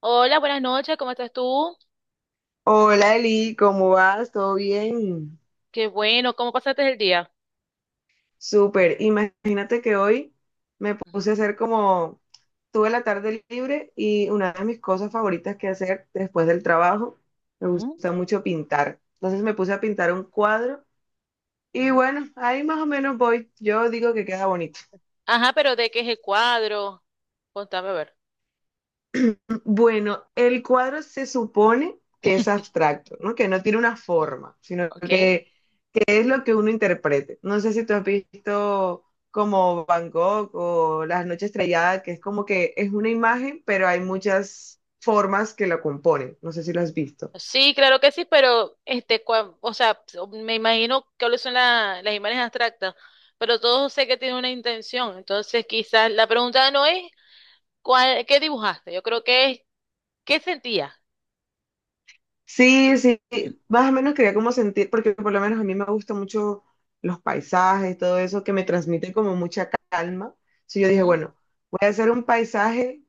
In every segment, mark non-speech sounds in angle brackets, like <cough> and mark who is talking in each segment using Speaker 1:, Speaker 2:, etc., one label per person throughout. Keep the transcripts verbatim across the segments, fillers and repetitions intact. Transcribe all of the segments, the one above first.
Speaker 1: Hola, buenas noches, ¿cómo estás tú?
Speaker 2: Hola Eli, ¿cómo vas? ¿Todo bien?
Speaker 1: Qué bueno, ¿cómo pasaste el día?
Speaker 2: Súper. Imagínate que hoy me puse a hacer como, tuve la tarde libre y una de mis cosas favoritas que hacer después del trabajo, me
Speaker 1: Ujú,
Speaker 2: gusta mucho pintar. Entonces me puse a pintar un cuadro y
Speaker 1: ujú.
Speaker 2: bueno, ahí más o menos voy. Yo digo que queda bonito.
Speaker 1: Ajá, pero ¿de qué es el cuadro? Contame a ver,
Speaker 2: <clears throat> Bueno, el cuadro se supone que es abstracto, ¿no? Que no tiene una forma, sino
Speaker 1: ¿ok?
Speaker 2: que es lo que uno interprete. No sé si tú has visto como Bangkok o Las Noches Estrelladas, que es como que es una imagen, pero hay muchas formas que la componen. No sé si lo has visto.
Speaker 1: Sí, claro que sí, pero este, cua- o sea, so, me imagino que son la- las imágenes abstractas, pero todos sé que tiene una intención, entonces quizás la pregunta no es cuál, qué dibujaste, yo creo que es qué sentías.
Speaker 2: Sí, sí, más o menos quería como sentir, porque por lo menos a mí me gustan mucho los paisajes, todo eso, que me transmite como mucha calma. Sí, yo dije,
Speaker 1: Ujú.
Speaker 2: bueno, voy a hacer un paisaje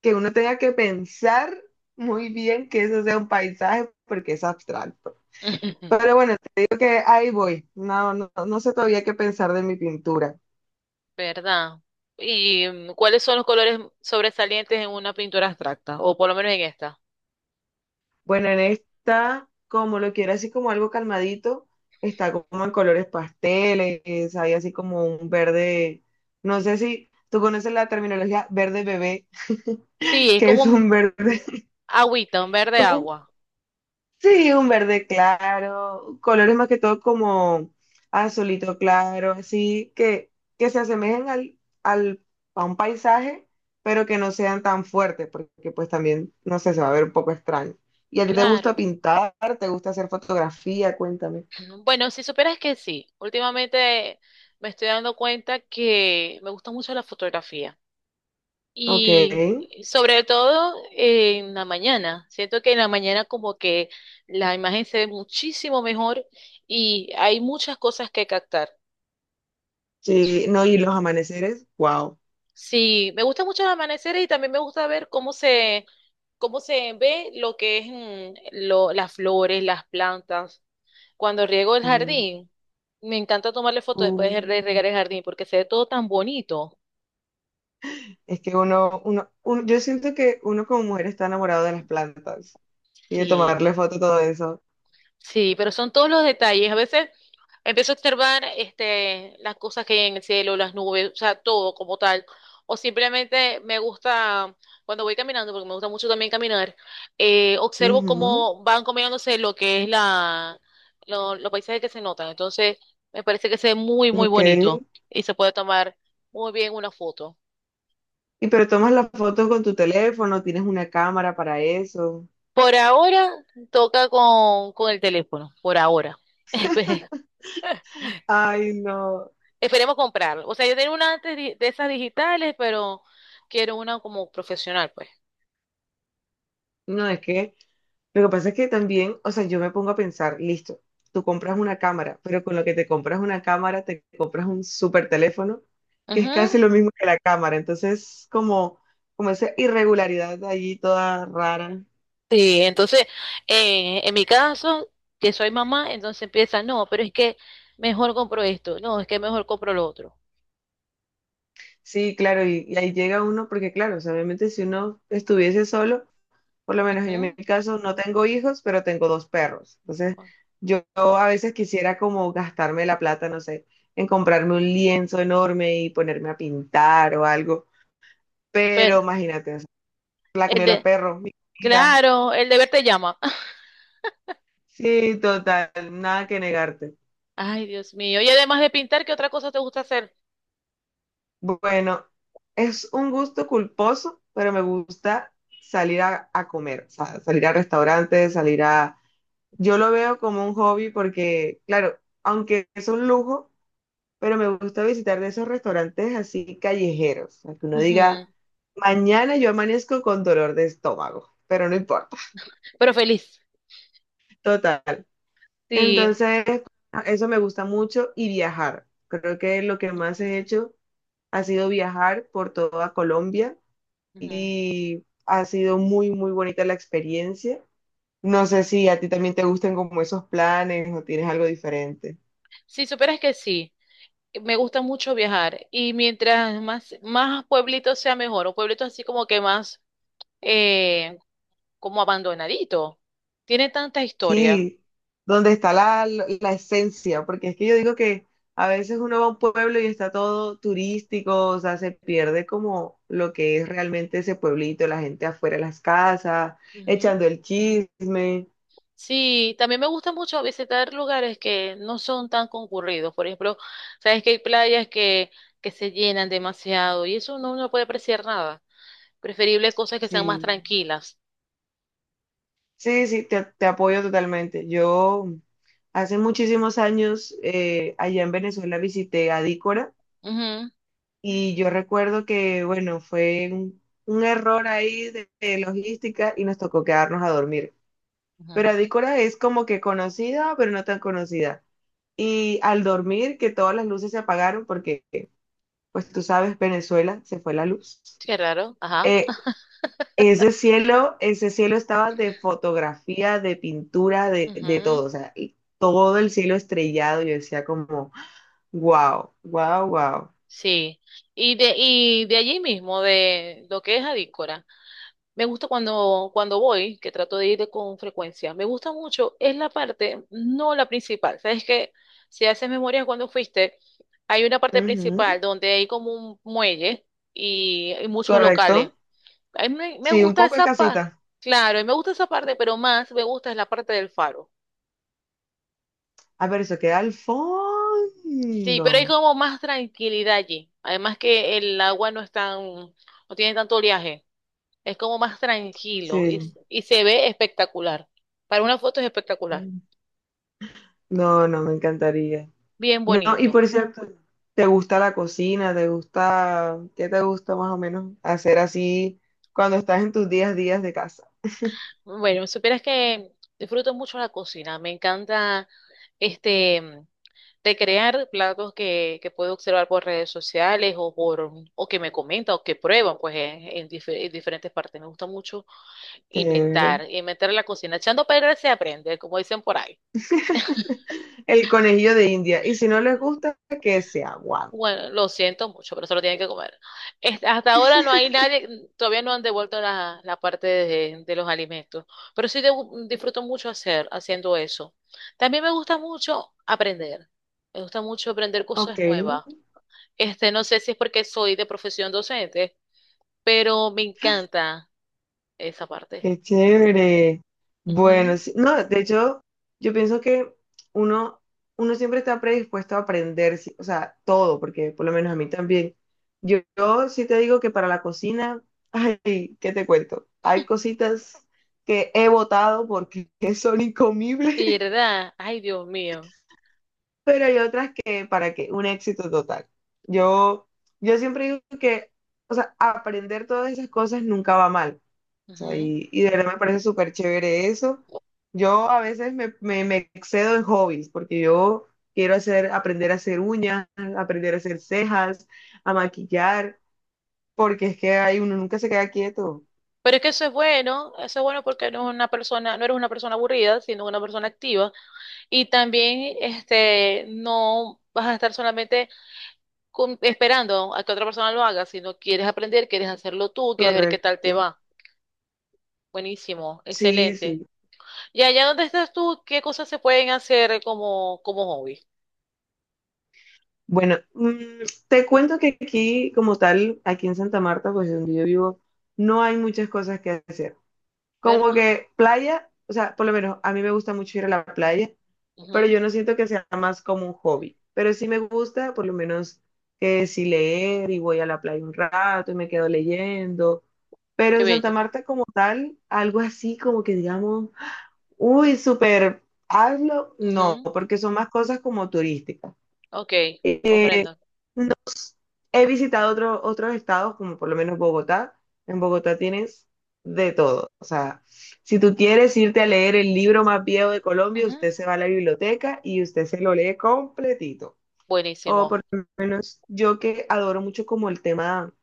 Speaker 2: que uno tenga que pensar muy bien que eso sea un paisaje, porque es abstracto.
Speaker 1: <laughs>
Speaker 2: Pero bueno, te digo que ahí voy. No, no, no sé todavía qué pensar de mi pintura.
Speaker 1: ¿Verdad? ¿Y mm, cuáles son los colores sobresalientes en una pintura abstracta, o por lo menos en esta?
Speaker 2: Bueno, en esta, como lo quiero así como algo calmadito, está como en colores pasteles, hay así como un verde, no sé si tú conoces la terminología verde bebé,
Speaker 1: Sí,
Speaker 2: <laughs>
Speaker 1: es
Speaker 2: que
Speaker 1: como
Speaker 2: es
Speaker 1: un
Speaker 2: un verde,
Speaker 1: agüita, un verde agua.
Speaker 2: <laughs> sí, un verde claro, colores más que todo como azulito claro, así que, que se asemejen al, al, a un paisaje, pero que no sean tan fuertes, porque pues también, no sé, se va a ver un poco extraño. ¿Y a ti te
Speaker 1: Claro.
Speaker 2: gusta pintar? ¿Te gusta hacer fotografía? Cuéntame.
Speaker 1: Bueno, si supieras que sí, últimamente me estoy dando cuenta que me gusta mucho la fotografía
Speaker 2: Ok,
Speaker 1: y sobre todo en la mañana. Siento que en la mañana como que la imagen se ve muchísimo mejor y hay muchas cosas que captar.
Speaker 2: sí, no, y los amaneceres, wow.
Speaker 1: Sí, me gusta mucho el amanecer y también me gusta ver cómo se, cómo se ve lo que es mm, lo, las flores, las plantas. Cuando riego el
Speaker 2: Mm,
Speaker 1: jardín, me encanta tomarle fotos después de re-
Speaker 2: mm.
Speaker 1: regar el jardín porque se ve todo tan bonito.
Speaker 2: Es que uno, uno, un- yo siento que uno como mujer está enamorado de las plantas y de
Speaker 1: Sí,
Speaker 2: tomarle foto a todo eso.
Speaker 1: sí, pero son todos los detalles. A veces empiezo a observar este, las cosas que hay en el cielo, las nubes, o sea, todo como tal. O simplemente me gusta, cuando voy caminando, porque me gusta mucho también caminar, eh, observo
Speaker 2: Ujú,
Speaker 1: cómo van combinándose lo que es la, lo- los paisajes que se notan. Entonces, me parece que se ve muy, muy
Speaker 2: ok.
Speaker 1: bonito y se puede tomar muy bien una foto.
Speaker 2: ¿Y pero tomas la foto con tu teléfono, tienes una cámara para eso?
Speaker 1: Por ahora toca con, con el teléfono, por ahora. <laughs> Espe-
Speaker 2: Ay, no.
Speaker 1: Esperemos comprarlo. O sea, yo tengo una antes di- de esas digitales, pero quiero una como profesional, pues.
Speaker 2: No, es que lo que pasa es que también, o sea, yo me pongo a pensar, listo, tú compras una cámara, pero con lo que te compras una cámara, te compras un super teléfono, que es
Speaker 1: Ujú.
Speaker 2: casi lo mismo que la cámara. Entonces, como, como esa irregularidad allí toda rara.
Speaker 1: Sí, entonces, eh, en mi caso, que soy mamá, entonces empieza, no, pero es que mejor compro esto, no, es que mejor compro lo otro.
Speaker 2: Sí, claro, y, y ahí llega uno, porque claro, o sea, obviamente si uno estuviese solo. Por lo menos yo en mi
Speaker 1: Ujú.
Speaker 2: caso no tengo hijos, pero tengo dos perros. Entonces, yo, a veces quisiera como gastarme la plata, no sé, en comprarme un lienzo enorme y ponerme a pintar o algo. Pero
Speaker 1: Pero
Speaker 2: imagínate, o sea, la
Speaker 1: el
Speaker 2: comida de los
Speaker 1: de,
Speaker 2: perros, mi comida.
Speaker 1: claro, el deber te llama. <laughs>
Speaker 2: Sí, total, nada que negarte.
Speaker 1: Ay, Dios mío. Y además de pintar, ¿qué otra cosa te gusta hacer?
Speaker 2: Bueno, es un gusto culposo, pero me gusta salir a, a comer, o sea, salir a restaurantes, salir a... Yo lo veo como un hobby porque, claro, aunque es un lujo, pero me gusta visitar de esos restaurantes así callejeros, a que uno
Speaker 1: Ujú.
Speaker 2: diga, mañana yo amanezco con dolor de estómago, pero no importa,
Speaker 1: Pero feliz.
Speaker 2: <laughs> total.
Speaker 1: Sí.
Speaker 2: Entonces, eso me gusta mucho y viajar. Creo que lo que más
Speaker 1: Ujú.
Speaker 2: he hecho ha sido viajar por toda Colombia
Speaker 1: Ujú.
Speaker 2: y ha sido muy, muy bonita la experiencia. No sé si a ti también te gustan como esos planes o tienes algo diferente.
Speaker 1: Si supieras que sí, me gusta mucho viajar y mientras más, más pueblitos sea mejor, o pueblitos así como que más eh, como abandonadito, tiene tanta historia.
Speaker 2: Sí, donde está la, la esencia, porque es que yo digo que a veces uno va a un pueblo y está todo turístico, o sea, se pierde como lo que es realmente ese pueblito, la gente afuera de las casas,
Speaker 1: Ujú.
Speaker 2: echando el chisme.
Speaker 1: Sí, también me gusta mucho visitar lugares que no son tan concurridos. Por ejemplo, sabes que hay playas que, que se llenan demasiado y eso no, no puede apreciar nada. Preferible cosas que sean más
Speaker 2: Sí,
Speaker 1: tranquilas.
Speaker 2: sí, sí, te, te apoyo totalmente. Yo hace muchísimos años eh, allá en Venezuela visité Adícora
Speaker 1: Ujú,
Speaker 2: y yo recuerdo que, bueno, fue un, un error ahí de de logística y nos tocó quedarnos a dormir. Pero
Speaker 1: ujú.
Speaker 2: Adícora es como que conocida, pero no tan conocida. Y al dormir, que todas las luces se apagaron, porque pues tú sabes, Venezuela se fue la luz.
Speaker 1: Qué raro, ajá.
Speaker 2: Eh, ese cielo, ese cielo estaba de fotografía, de pintura, de, de
Speaker 1: Ujú.
Speaker 2: todo. O sea, y todo el cielo estrellado. Yo decía como, wow, wow, wow.
Speaker 1: Sí, y de, y de allí mismo, de lo que es Adícora, me gusta cuando, cuando voy, que trato de ir con frecuencia, me gusta mucho, es la parte, no la principal, sabes que si haces memoria cuando fuiste, hay una parte
Speaker 2: Ujú,
Speaker 1: principal donde hay como un muelle y hay muchos locales.
Speaker 2: correcto.
Speaker 1: A mí me, me
Speaker 2: Sí, un
Speaker 1: gusta
Speaker 2: poco de
Speaker 1: esa parte,
Speaker 2: casita.
Speaker 1: claro, y me gusta esa parte, pero más me gusta es la parte del faro.
Speaker 2: A ver, eso queda al
Speaker 1: Sí,
Speaker 2: fondo.
Speaker 1: pero hay como más tranquilidad allí, además que el agua no es tan, no tiene tanto oleaje. Es como más tranquilo y,
Speaker 2: Sí.
Speaker 1: y se ve espectacular. Para una foto es espectacular.
Speaker 2: No, no, me encantaría.
Speaker 1: Bien
Speaker 2: No, y
Speaker 1: bonito.
Speaker 2: por cierto, ¿te gusta la cocina? ¿Te gusta, qué te gusta más o menos hacer así cuando estás en tus días días de casa?
Speaker 1: Bueno, supieras que disfruto mucho la cocina. Me encanta este mm, de crear platos que, que puedo observar por redes sociales o por o que me comentan o que prueban pues en, en dife- en diferentes partes. Me gusta mucho
Speaker 2: Chévere.
Speaker 1: inventar, inventar la cocina. Echando a perder se aprende, como dicen por ahí.
Speaker 2: <laughs> El conejillo de India. Y si no les gusta, que se aguante.
Speaker 1: Bueno, lo siento mucho, pero se lo tienen que comer. Es- Hasta ahora no hay nadie, todavía no han devuelto la, la parte de, de los alimentos, pero sí debu- disfruto mucho hacer, haciendo eso. También me gusta mucho aprender, me gusta mucho aprender
Speaker 2: Ok.
Speaker 1: cosas nuevas. Este, no sé si es porque soy de profesión docente, pero me encanta esa parte.
Speaker 2: Qué chévere. Bueno,
Speaker 1: Ujú.
Speaker 2: sí- no, de hecho, yo pienso que uno, uno siempre está predispuesto a aprender, sí, o sea, todo, porque por lo menos a mí también. Yo, yo sí te digo que para la cocina, <laughs> ay, ¿qué te cuento? Hay cositas que he votado porque <laughs> son incomibles,
Speaker 1: ¿Verdad? Ay, Dios mío.
Speaker 2: pero hay otras que para que un éxito total. Yo, yo siempre digo que, o sea, aprender todas esas cosas nunca va mal sea,
Speaker 1: Ujú.
Speaker 2: y, y de verdad me parece súper chévere eso. Yo a veces me, me- me excedo en hobbies porque yo quiero hacer, aprender a hacer uñas, aprender a hacer cejas, a maquillar, porque es que hay, uno nunca se queda quieto.
Speaker 1: Pero es que eso es bueno, eso es bueno porque no es una persona, no eres una persona aburrida, sino una persona activa. Y también este, no vas a estar solamente con- esperando a que otra persona lo haga, sino quieres aprender, quieres hacerlo tú, quieres ver qué tal te
Speaker 2: Correcto.
Speaker 1: va. Buenísimo,
Speaker 2: Sí,
Speaker 1: excelente.
Speaker 2: sí.
Speaker 1: Y allá donde estás tú, ¿qué cosas se pueden hacer como, como hobby?
Speaker 2: Bueno, mm, te cuento que aquí, como tal, aquí en Santa Marta, pues donde yo vivo, no hay muchas cosas que hacer. Como
Speaker 1: ¿Verdad?
Speaker 2: que playa, o sea, por lo menos a mí me gusta mucho ir a la playa, pero
Speaker 1: Ujú,
Speaker 2: yo no siento que sea más como un hobby. Pero sí me gusta, por lo menos, que si leer y voy a la playa un rato y me quedo leyendo. Pero
Speaker 1: qué
Speaker 2: en Santa
Speaker 1: bello.
Speaker 2: Marta como tal, algo así como que digamos, uy, súper, hazlo, no,
Speaker 1: Ujú,
Speaker 2: porque son más cosas como turísticas.
Speaker 1: ok,
Speaker 2: Eh,
Speaker 1: comprendo.
Speaker 2: He visitado otro- otros estados, como por lo menos Bogotá. En Bogotá tienes de todo. O sea, si tú quieres irte a leer el libro más viejo de Colombia,
Speaker 1: Ujú,
Speaker 2: usted se va a la biblioteca y usted se lo lee completito. O por
Speaker 1: buenísimo.
Speaker 2: lo menos yo que adoro mucho como el tema,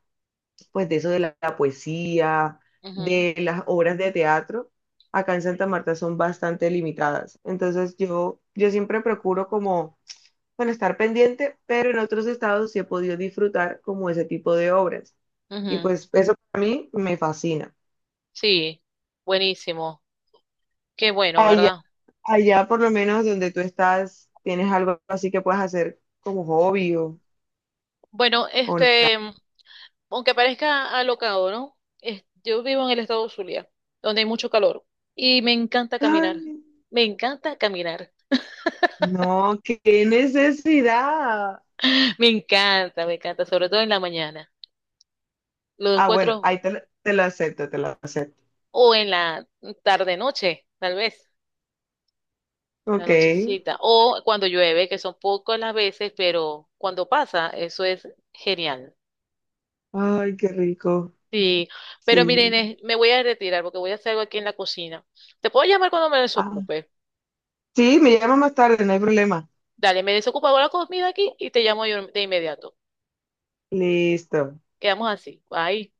Speaker 2: pues de eso de la, la poesía,
Speaker 1: Ujú,
Speaker 2: de las obras de teatro, acá en Santa Marta son bastante limitadas. Entonces yo, yo siempre procuro como bueno, estar pendiente, pero en otros estados sí he podido disfrutar como ese tipo de obras. Y
Speaker 1: ujú,
Speaker 2: pues eso para mí me fascina.
Speaker 1: sí, buenísimo. Qué bueno,
Speaker 2: Allá,
Speaker 1: ¿verdad?
Speaker 2: allá por lo menos donde tú estás, ¿tienes algo así que puedas hacer como hobby o,
Speaker 1: Bueno,
Speaker 2: o nada?
Speaker 1: este, aunque parezca alocado, ¿no? Es- yo vivo en el estado de Zulia, donde hay mucho calor y me encanta
Speaker 2: Ay,
Speaker 1: caminar. Me encanta caminar.
Speaker 2: no, qué necesidad.
Speaker 1: <laughs> Me encanta, me encanta, sobre todo en la mañana. Lo
Speaker 2: Ah, bueno,
Speaker 1: encuentro
Speaker 2: ahí te, lo- te lo acepto, te lo acepto.
Speaker 1: o en la tarde noche, tal vez, la
Speaker 2: Ok.
Speaker 1: nochecita, o cuando llueve, que son pocas las veces, pero cuando pasa, eso es genial.
Speaker 2: Ay, qué rico.
Speaker 1: Sí, pero
Speaker 2: Sí.
Speaker 1: miren, Inés, me voy a retirar porque voy a hacer algo aquí en la cocina. Te puedo llamar cuando me
Speaker 2: Ah,
Speaker 1: desocupe.
Speaker 2: sí, me llama más tarde, no hay problema.
Speaker 1: Dale, me desocupo, hago la comida aquí y te llamo yo de inmediato.
Speaker 2: Listo.
Speaker 1: Quedamos así. Bye.